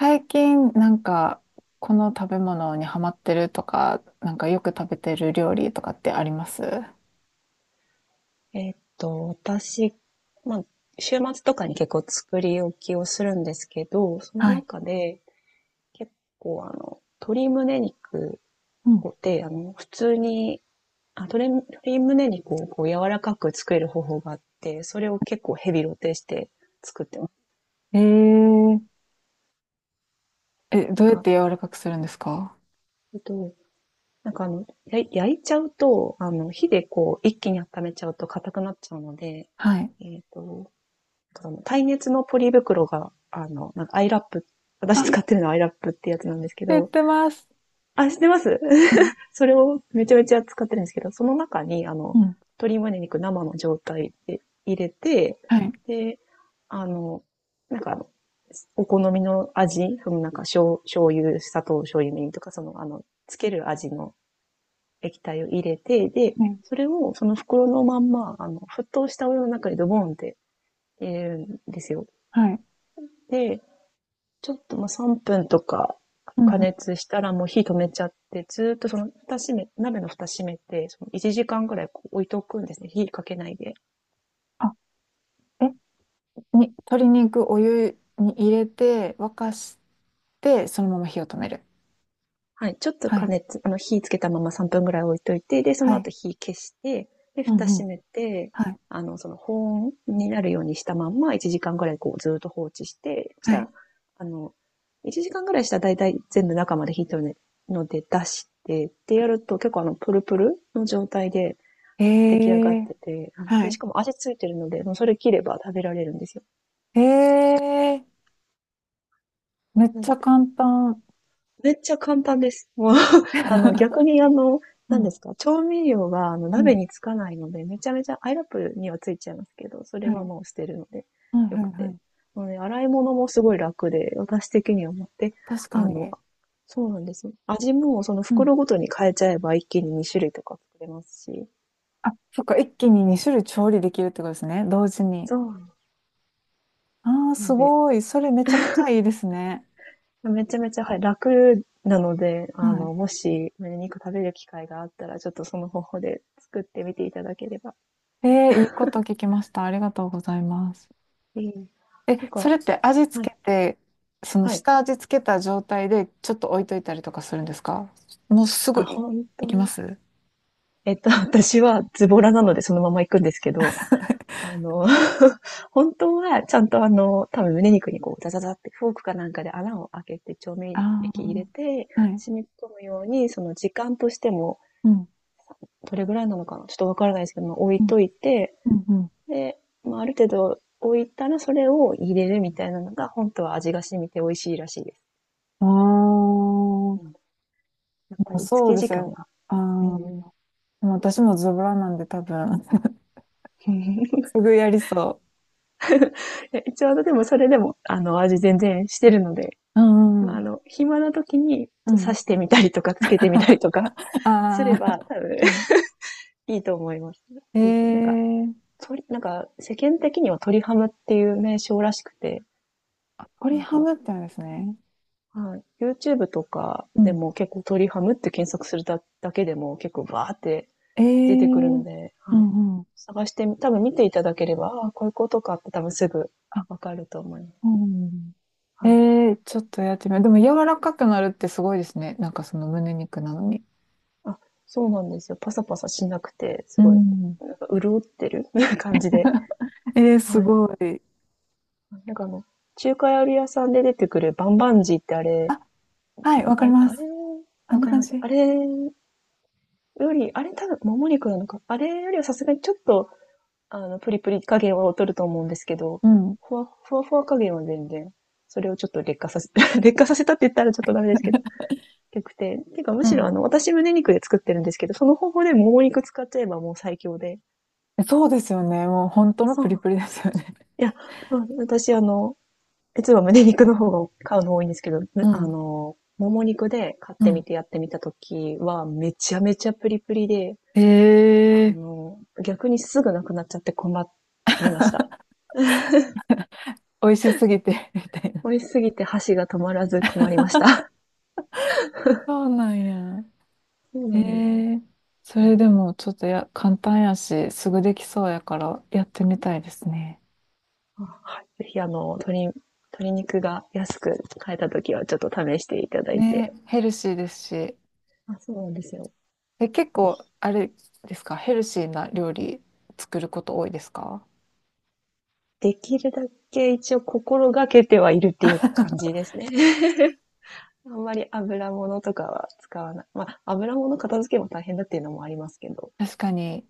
最近、なんか、この食べ物にハマってるとか、なんかよく食べてる料理とかってあります？私、まあ、週末とかに結構作り置きをするんですけど、そのはい。中で結構鶏胸肉うん。で、普通に、鶏胸肉をこう柔らかく作れる方法があって、それを結構ヘビロテして作ってます。えー、え、などんうやっか、て柔らかくするんですか？えっと、なんか焼いちゃうと、火でこう一気に温めちゃうと硬くなっちゃうので、はい。えっと、の耐熱のポリ袋が、なんかアイラップ、私あ、使ってるのはアイラップってやつなんですけ知っど、てます。あ、知ってます。 うん それをめちゃめちゃ使ってるんですけど、その中に、うん。鶏胸肉生の状態で入れて、はい。で、あの、なんかお好みの味、そのなんか醤油、砂糖、醤油みりんとか、そのつける味の液体を入れて、で、はいそれをその袋のまんま、沸騰したお湯の中にドボンって入れるんですよ。はい。で、ちょっともう3分とかう加んうん。熱したらもう火止めちゃって、ずーっとその蓋閉め、鍋の蓋閉めて、その1時間ぐらいこう置いておくんですね。火かけないで。あ、え、鶏肉お湯に入れて、沸かして、そのまま火を止める。はい。ちょっとは加い。熱、火つけたまま3分ぐらい置いといて、で、そのはい。後火消して、で、う蓋んうん。閉めて、はい。その保温になるようにしたまんま1時間ぐらいこうずーっと放置して、しはたい。ら、あの、1時間ぐらいしたらだいたい全部中まで火止めるので出して、ってやると結構プルプルの状態で、え出来上がっー、てて、はで、しい。かも味ついてるので、もうそれ切れば食べられるんですよ。えーめっうちん、ゃ簡単。めっちゃ簡単です。もう、逆 にう何でん、すか、調味料があのう鍋ん、につかないので、めちゃめちゃ、アイラップにはついちゃいますけど、それははい、もう捨てるので、はい、よはくい、はて。い。なので、洗い物もすごい楽で、私的には思って、確かあの、に。そうなんですよ。味もそのうん。袋ごとに変えちゃえば一気に2種類とか作れますし、あ、そっか、一気に2種類調理できるってことですね、同時に。そう。ああ、なすので、ごい。それめちゃくちゃいいですね。めちゃめちゃ、はい、楽なので、はもし、胸肉食べる機会があったら、ちょっとその方法で作ってみていただければ。い。えー、いいこと聞きました。ありがとうございます。ええ、え、なんそか、れって味は付い、けて、そのはい。下味付けた状態でちょっと置いといたりとかするんですか？もうすぐあ、い、本い当きまは。す 私はズボラな のでそのまま行くんですけど、あの、本当はちゃんと多分胸肉にこう、ザザザってフォークかなんかで穴を開けて調味ああ液入れて、ー、はい。染み込むように、その時間としても、うん、どれぐらいなのかなちょっとわからないですけど、まあ置いうん、といて、うん、うん。で、まあ、ある程度置いたらそれを入れるみたいなのが、本当は味が染みて美味しいらしいです。あうん、やっぱあ、り漬そうけで時す間ね。が。あうんあ、うん、でも私もズボラなんで多分、すぐやりそ ちょうどでもそれでも、味全然してるので、う。うんまあ、うん。暇な時にう刺ん。してみたりとか、漬けてみたりとか すあれば、多分 あ、は いいと思います。い。えぜひ、なんか、ー、なんか、世間的には鳥ハムっていう名称らしくて、鶏なんハか、ムってあるんですね。はい。YouTube とかうでん。も結構鳥ハムって検索するだけでも結構バーってえ出てくるのー、で、うはい。んうん。探してみ、多分見ていただければ、ああ、こういうことかって多分すぐあ、わかると思います。うはい。ん。えー、ちょっとやってみよう。でも柔らかくなるってすごいですね。なんかその胸肉なのに。あ、そうなんですよ。パサパサしなくて、うすごい、ん。なんか潤ってる 感じで。えー、すはい。ごい。なんか中華料理屋さんで出てくるバンバンジーってあれ、あ、はい、わかありれ、まあす。れ、あんわなかり感ます。じ。あれより、あれ多分もも肉なのか。あれよりはさすがにちょっとプリプリ加減は劣ると思うんですけど、うん。ふわふわ加減は全然、それをちょっと劣化させ、劣化させたって言ったらちょっとダメですけど、良くて。てかむうしろん私胸肉で作ってるんですけど、その方法でもも肉使っちゃえばもう最強で。そうですよね。もう本当のそプリうプリですよね。いや、私実は胸肉の方が買うの多いんですけど、うん。もも肉で買っうてみん。てやってみた時は、めちゃめちゃプリプリで、ええ逆にすぐなくなっちゃって困りました。美味しすぎて みたいな。美味しすぎて箸が止まらず困りました。そうなんや。そうえなんです。えそれでもちょっと簡単やし、すぐできそうやからやってみたいですね。はいぜひ鶏肉が安く買えた時はちょっと試していただいね、て、ヘルシーですし。あ、そうなんですよ。え、結ぜ構、ひあれですか、ヘルシーな料理作ること多いですか？ できるだけ一応心がけてはいるってい う感じですね。あんまり油物とかは使わない。まあ、油物片付けも大変だっていうのもありますけど、確かに、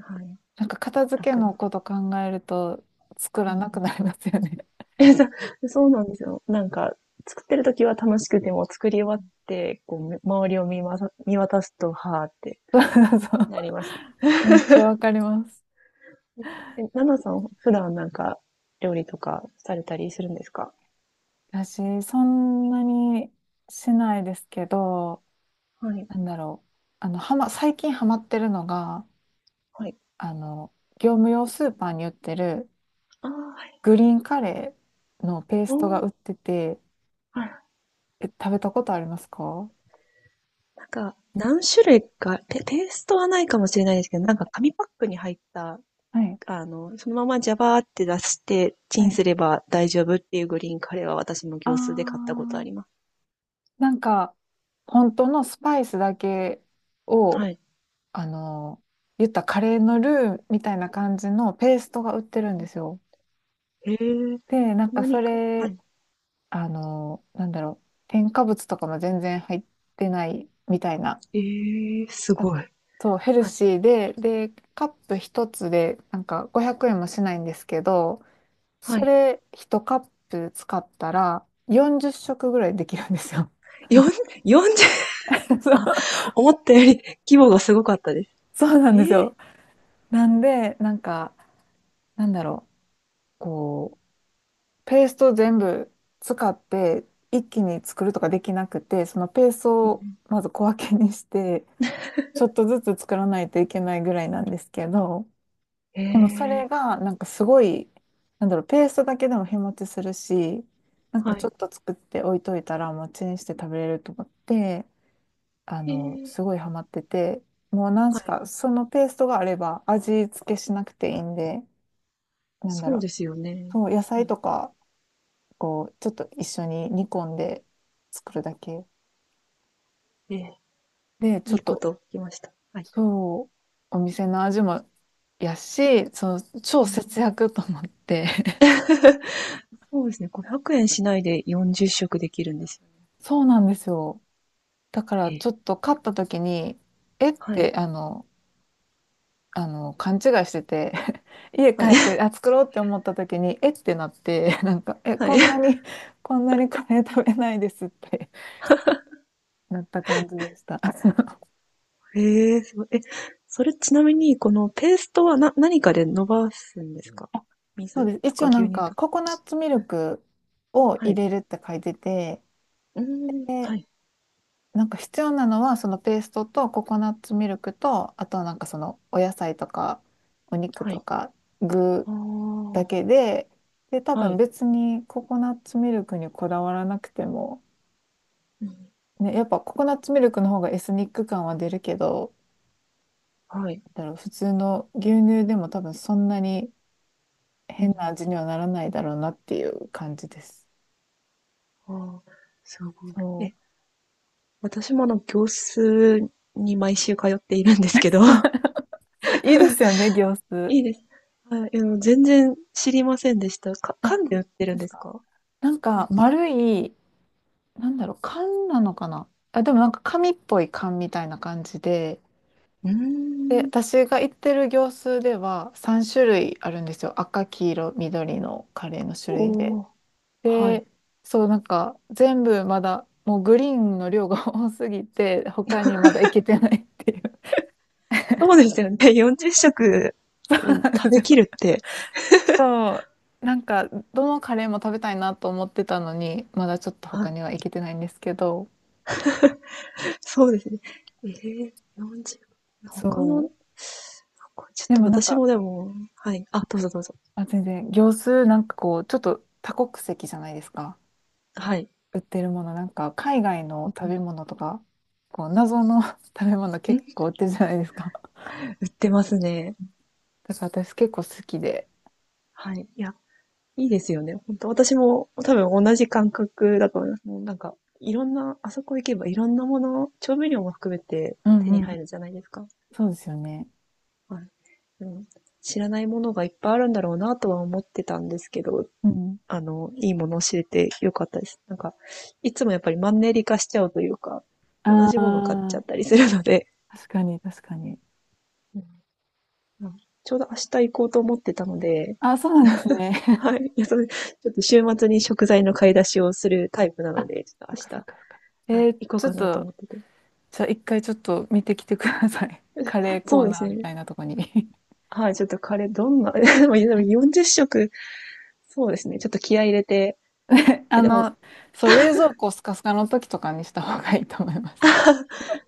はい。なんか片付け楽のな。こと考えると作うらなくん、なりますよね。え、そうなんですよ。なんか、作ってる時は楽しくても作り終わって、こう、周りを見渡すと、はーって そなります。う。めっちゃわかります。え、ナナさん、普段なんか料理とかされたりするんですか？私、そんなにしないですけど、はい。なんだろう。あの、最近ハマってるのが、はい。あの、業務用スーパーに売ってるああ、はい。グリーンカレーのペーおストが売っー、てて、はい。え、食べたことありますか？はなんか、何種類か、ーストはないかもしれないですけど、なんか紙パックに入った、い。そのままジャバーって出してチはンい。すれば大丈夫っていうグリーンカレーは私もあ業スーで買ったことあー、ります。なんか、本当のスパイスだけはを、い。あの、言ったカレーのルーみたいな感じのペーストが売ってうるんでん、すよ。へえ、で、なんかそ何か、はれい。あの、なんだろう、添加物とかも全然入ってないみたいな。ええ、すあごい。そう、ヘルはい。シーで、カップ一つで、なんか500円もしないんですけど、はそい。れ一カップ使ったら40食ぐらいできるんですよ。4、40、そあ、う、思ったより規模がすごかったです。そうなんですええ、よ。なんで、なんか、なんだろう、こう、ペースト全部使って、一気に作るとかできなくて、そのペースうトをん、まず小分けにして、ちょっとずつ作らないといけないぐらいなんですけど、えでもそれえ、がなんかすごい、なんだろう、ペーストだけでも日持ちするし、なんはかちょい。っと作って置いといたらもうチンして食べれると思って、あえの、すえ、ごいハマってて、もう何はしい。か、そのペーストがあれば味付けしなくていいんで、なんだそろうでう、すよね。そう、野う菜とん。か、こう、ちょっと一緒に煮込んで作るだけええ、で、ちょいっいことと聞きました。はい。そう、お店の味もやし、そのう超ん。節約と思って そうですね。500円しないで40食できるんですよね。そうなんですよ。だからえちえ、ょっと買った時に、えっはい。て、あの、勘違いしてて 家帰はい。って、あ、作ろうって思った時に、えってなって、なんか、え、はこい。んなに、こんなにカレー食べないですって なった感じでした。ええ、すごい。え、それちなみに、このペーストは何かで伸ばすんですか？ そう水です。と一か応な牛ん乳か、とか。ココナッツミルクをは入い。れるって書いてて、うーん。で、はい。なんか必要なのはそのペーストとココナッツミルクとあとはなんかそのお野菜とかお肉はとい。か具あだけで、で多あ。は分い。別にココナッツミルクにこだわらなくても、うん。ね、やっぱココナッツミルクの方がエスニック感は出るけど、はい。だろう普通の牛乳でも多分そんなにう変なん味にはならないだろうなっていう感じです。うん。ああ、すごい。そえ、私も業数に毎週通っているんですけど、はう。いいですよね、行数。いいいです。あ全然知りませんでした。あ、本缶で売って当るでんすですか。か？なんはかい。丸いなんだろう、缶なのかなあ、でもなんか紙っぽい缶みたいな感じで、うーで、ん、私が行ってる業数では3種類あるんですよ。赤、黄色、緑のカレーの種類で。おー、はい。で、そう、なんか全部まだ、もうグリーンの量が 多すぎて、他にまだ行けてないっていう。そうですよね。40食、そううんなん食ですべよ。きるって。そう。なんか、どのカレーも食べたいなと思ってたのに、まだちょっとは他い。には行けてないんですけど、そうですね。えー、40、他の、そう。これちょっでともなん私か、もでも、はい。あ、どうぞどうぞ。あ、全然、業数なんかこう、ちょっと多国籍じゃないですか。はい。売ってるもの、なんか海外の食べう物とか、こう、謎の 食べ物結ん構売ってるじゃないですか。売ってますね。だから私結構好きで。はい。いや、いいですよね。本当私も多分同じ感覚だと思います。もうなんか、いろんな、あそこ行けばいろんなもの、調味料も含めてうん手にう入るん。じゃないですか。そうですよね。はい。うん、知らないものがいっぱいあるんだろうなとは思ってたんですけど、うん。いいものを知れてよかったです。なんか、いつもやっぱりマンネリ化しちゃうというか、同あじもの買っちゃあ、ったりするので、確かに確かに。うんうん、ちょうど明日行こうと思ってたので、あ、そうなんですね。はい。いや、それ、ちょっと週末に食材の買い出しをするタイプなあ、ので、ちょそっっかとそっかそっか。はい、行ちこょうかっなと思と、ってて。じゃあ一回ちょっと見てきてください。カレーコそーうですナーみね。たいなとこに はい、ちょっとカレーどんな、でも40食、そうですね。ちょっと気合い入れて、いあやでも、の、そう、冷蔵庫スカスカの時とかにした方がいいと思います。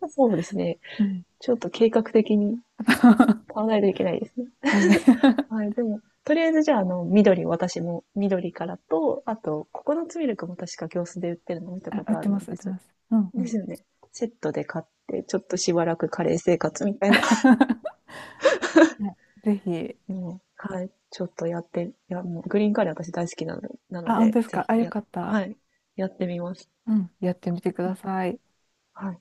そうですね。うん。ちょっと計画的に は買わないといけないですね。い。はい、でも、とりあえずじゃあ、緑、私も緑からと、あと、ココナッツミルクも確か行数で売ってるの見 たあ、こ売っとあてるまのす、売っで、てそれます。うんうでん。すよね。セットで買って、ちょっとしばらくカレー生活みたいな はいぜひ。もう、はい、ちょっとやって、いや、もうグリーンカレー私大好きなの、なのあ、本で、当ですぜか。ひ、あ、よかった。はい、やってみます。うん。やってみてくうだん、さい。はい。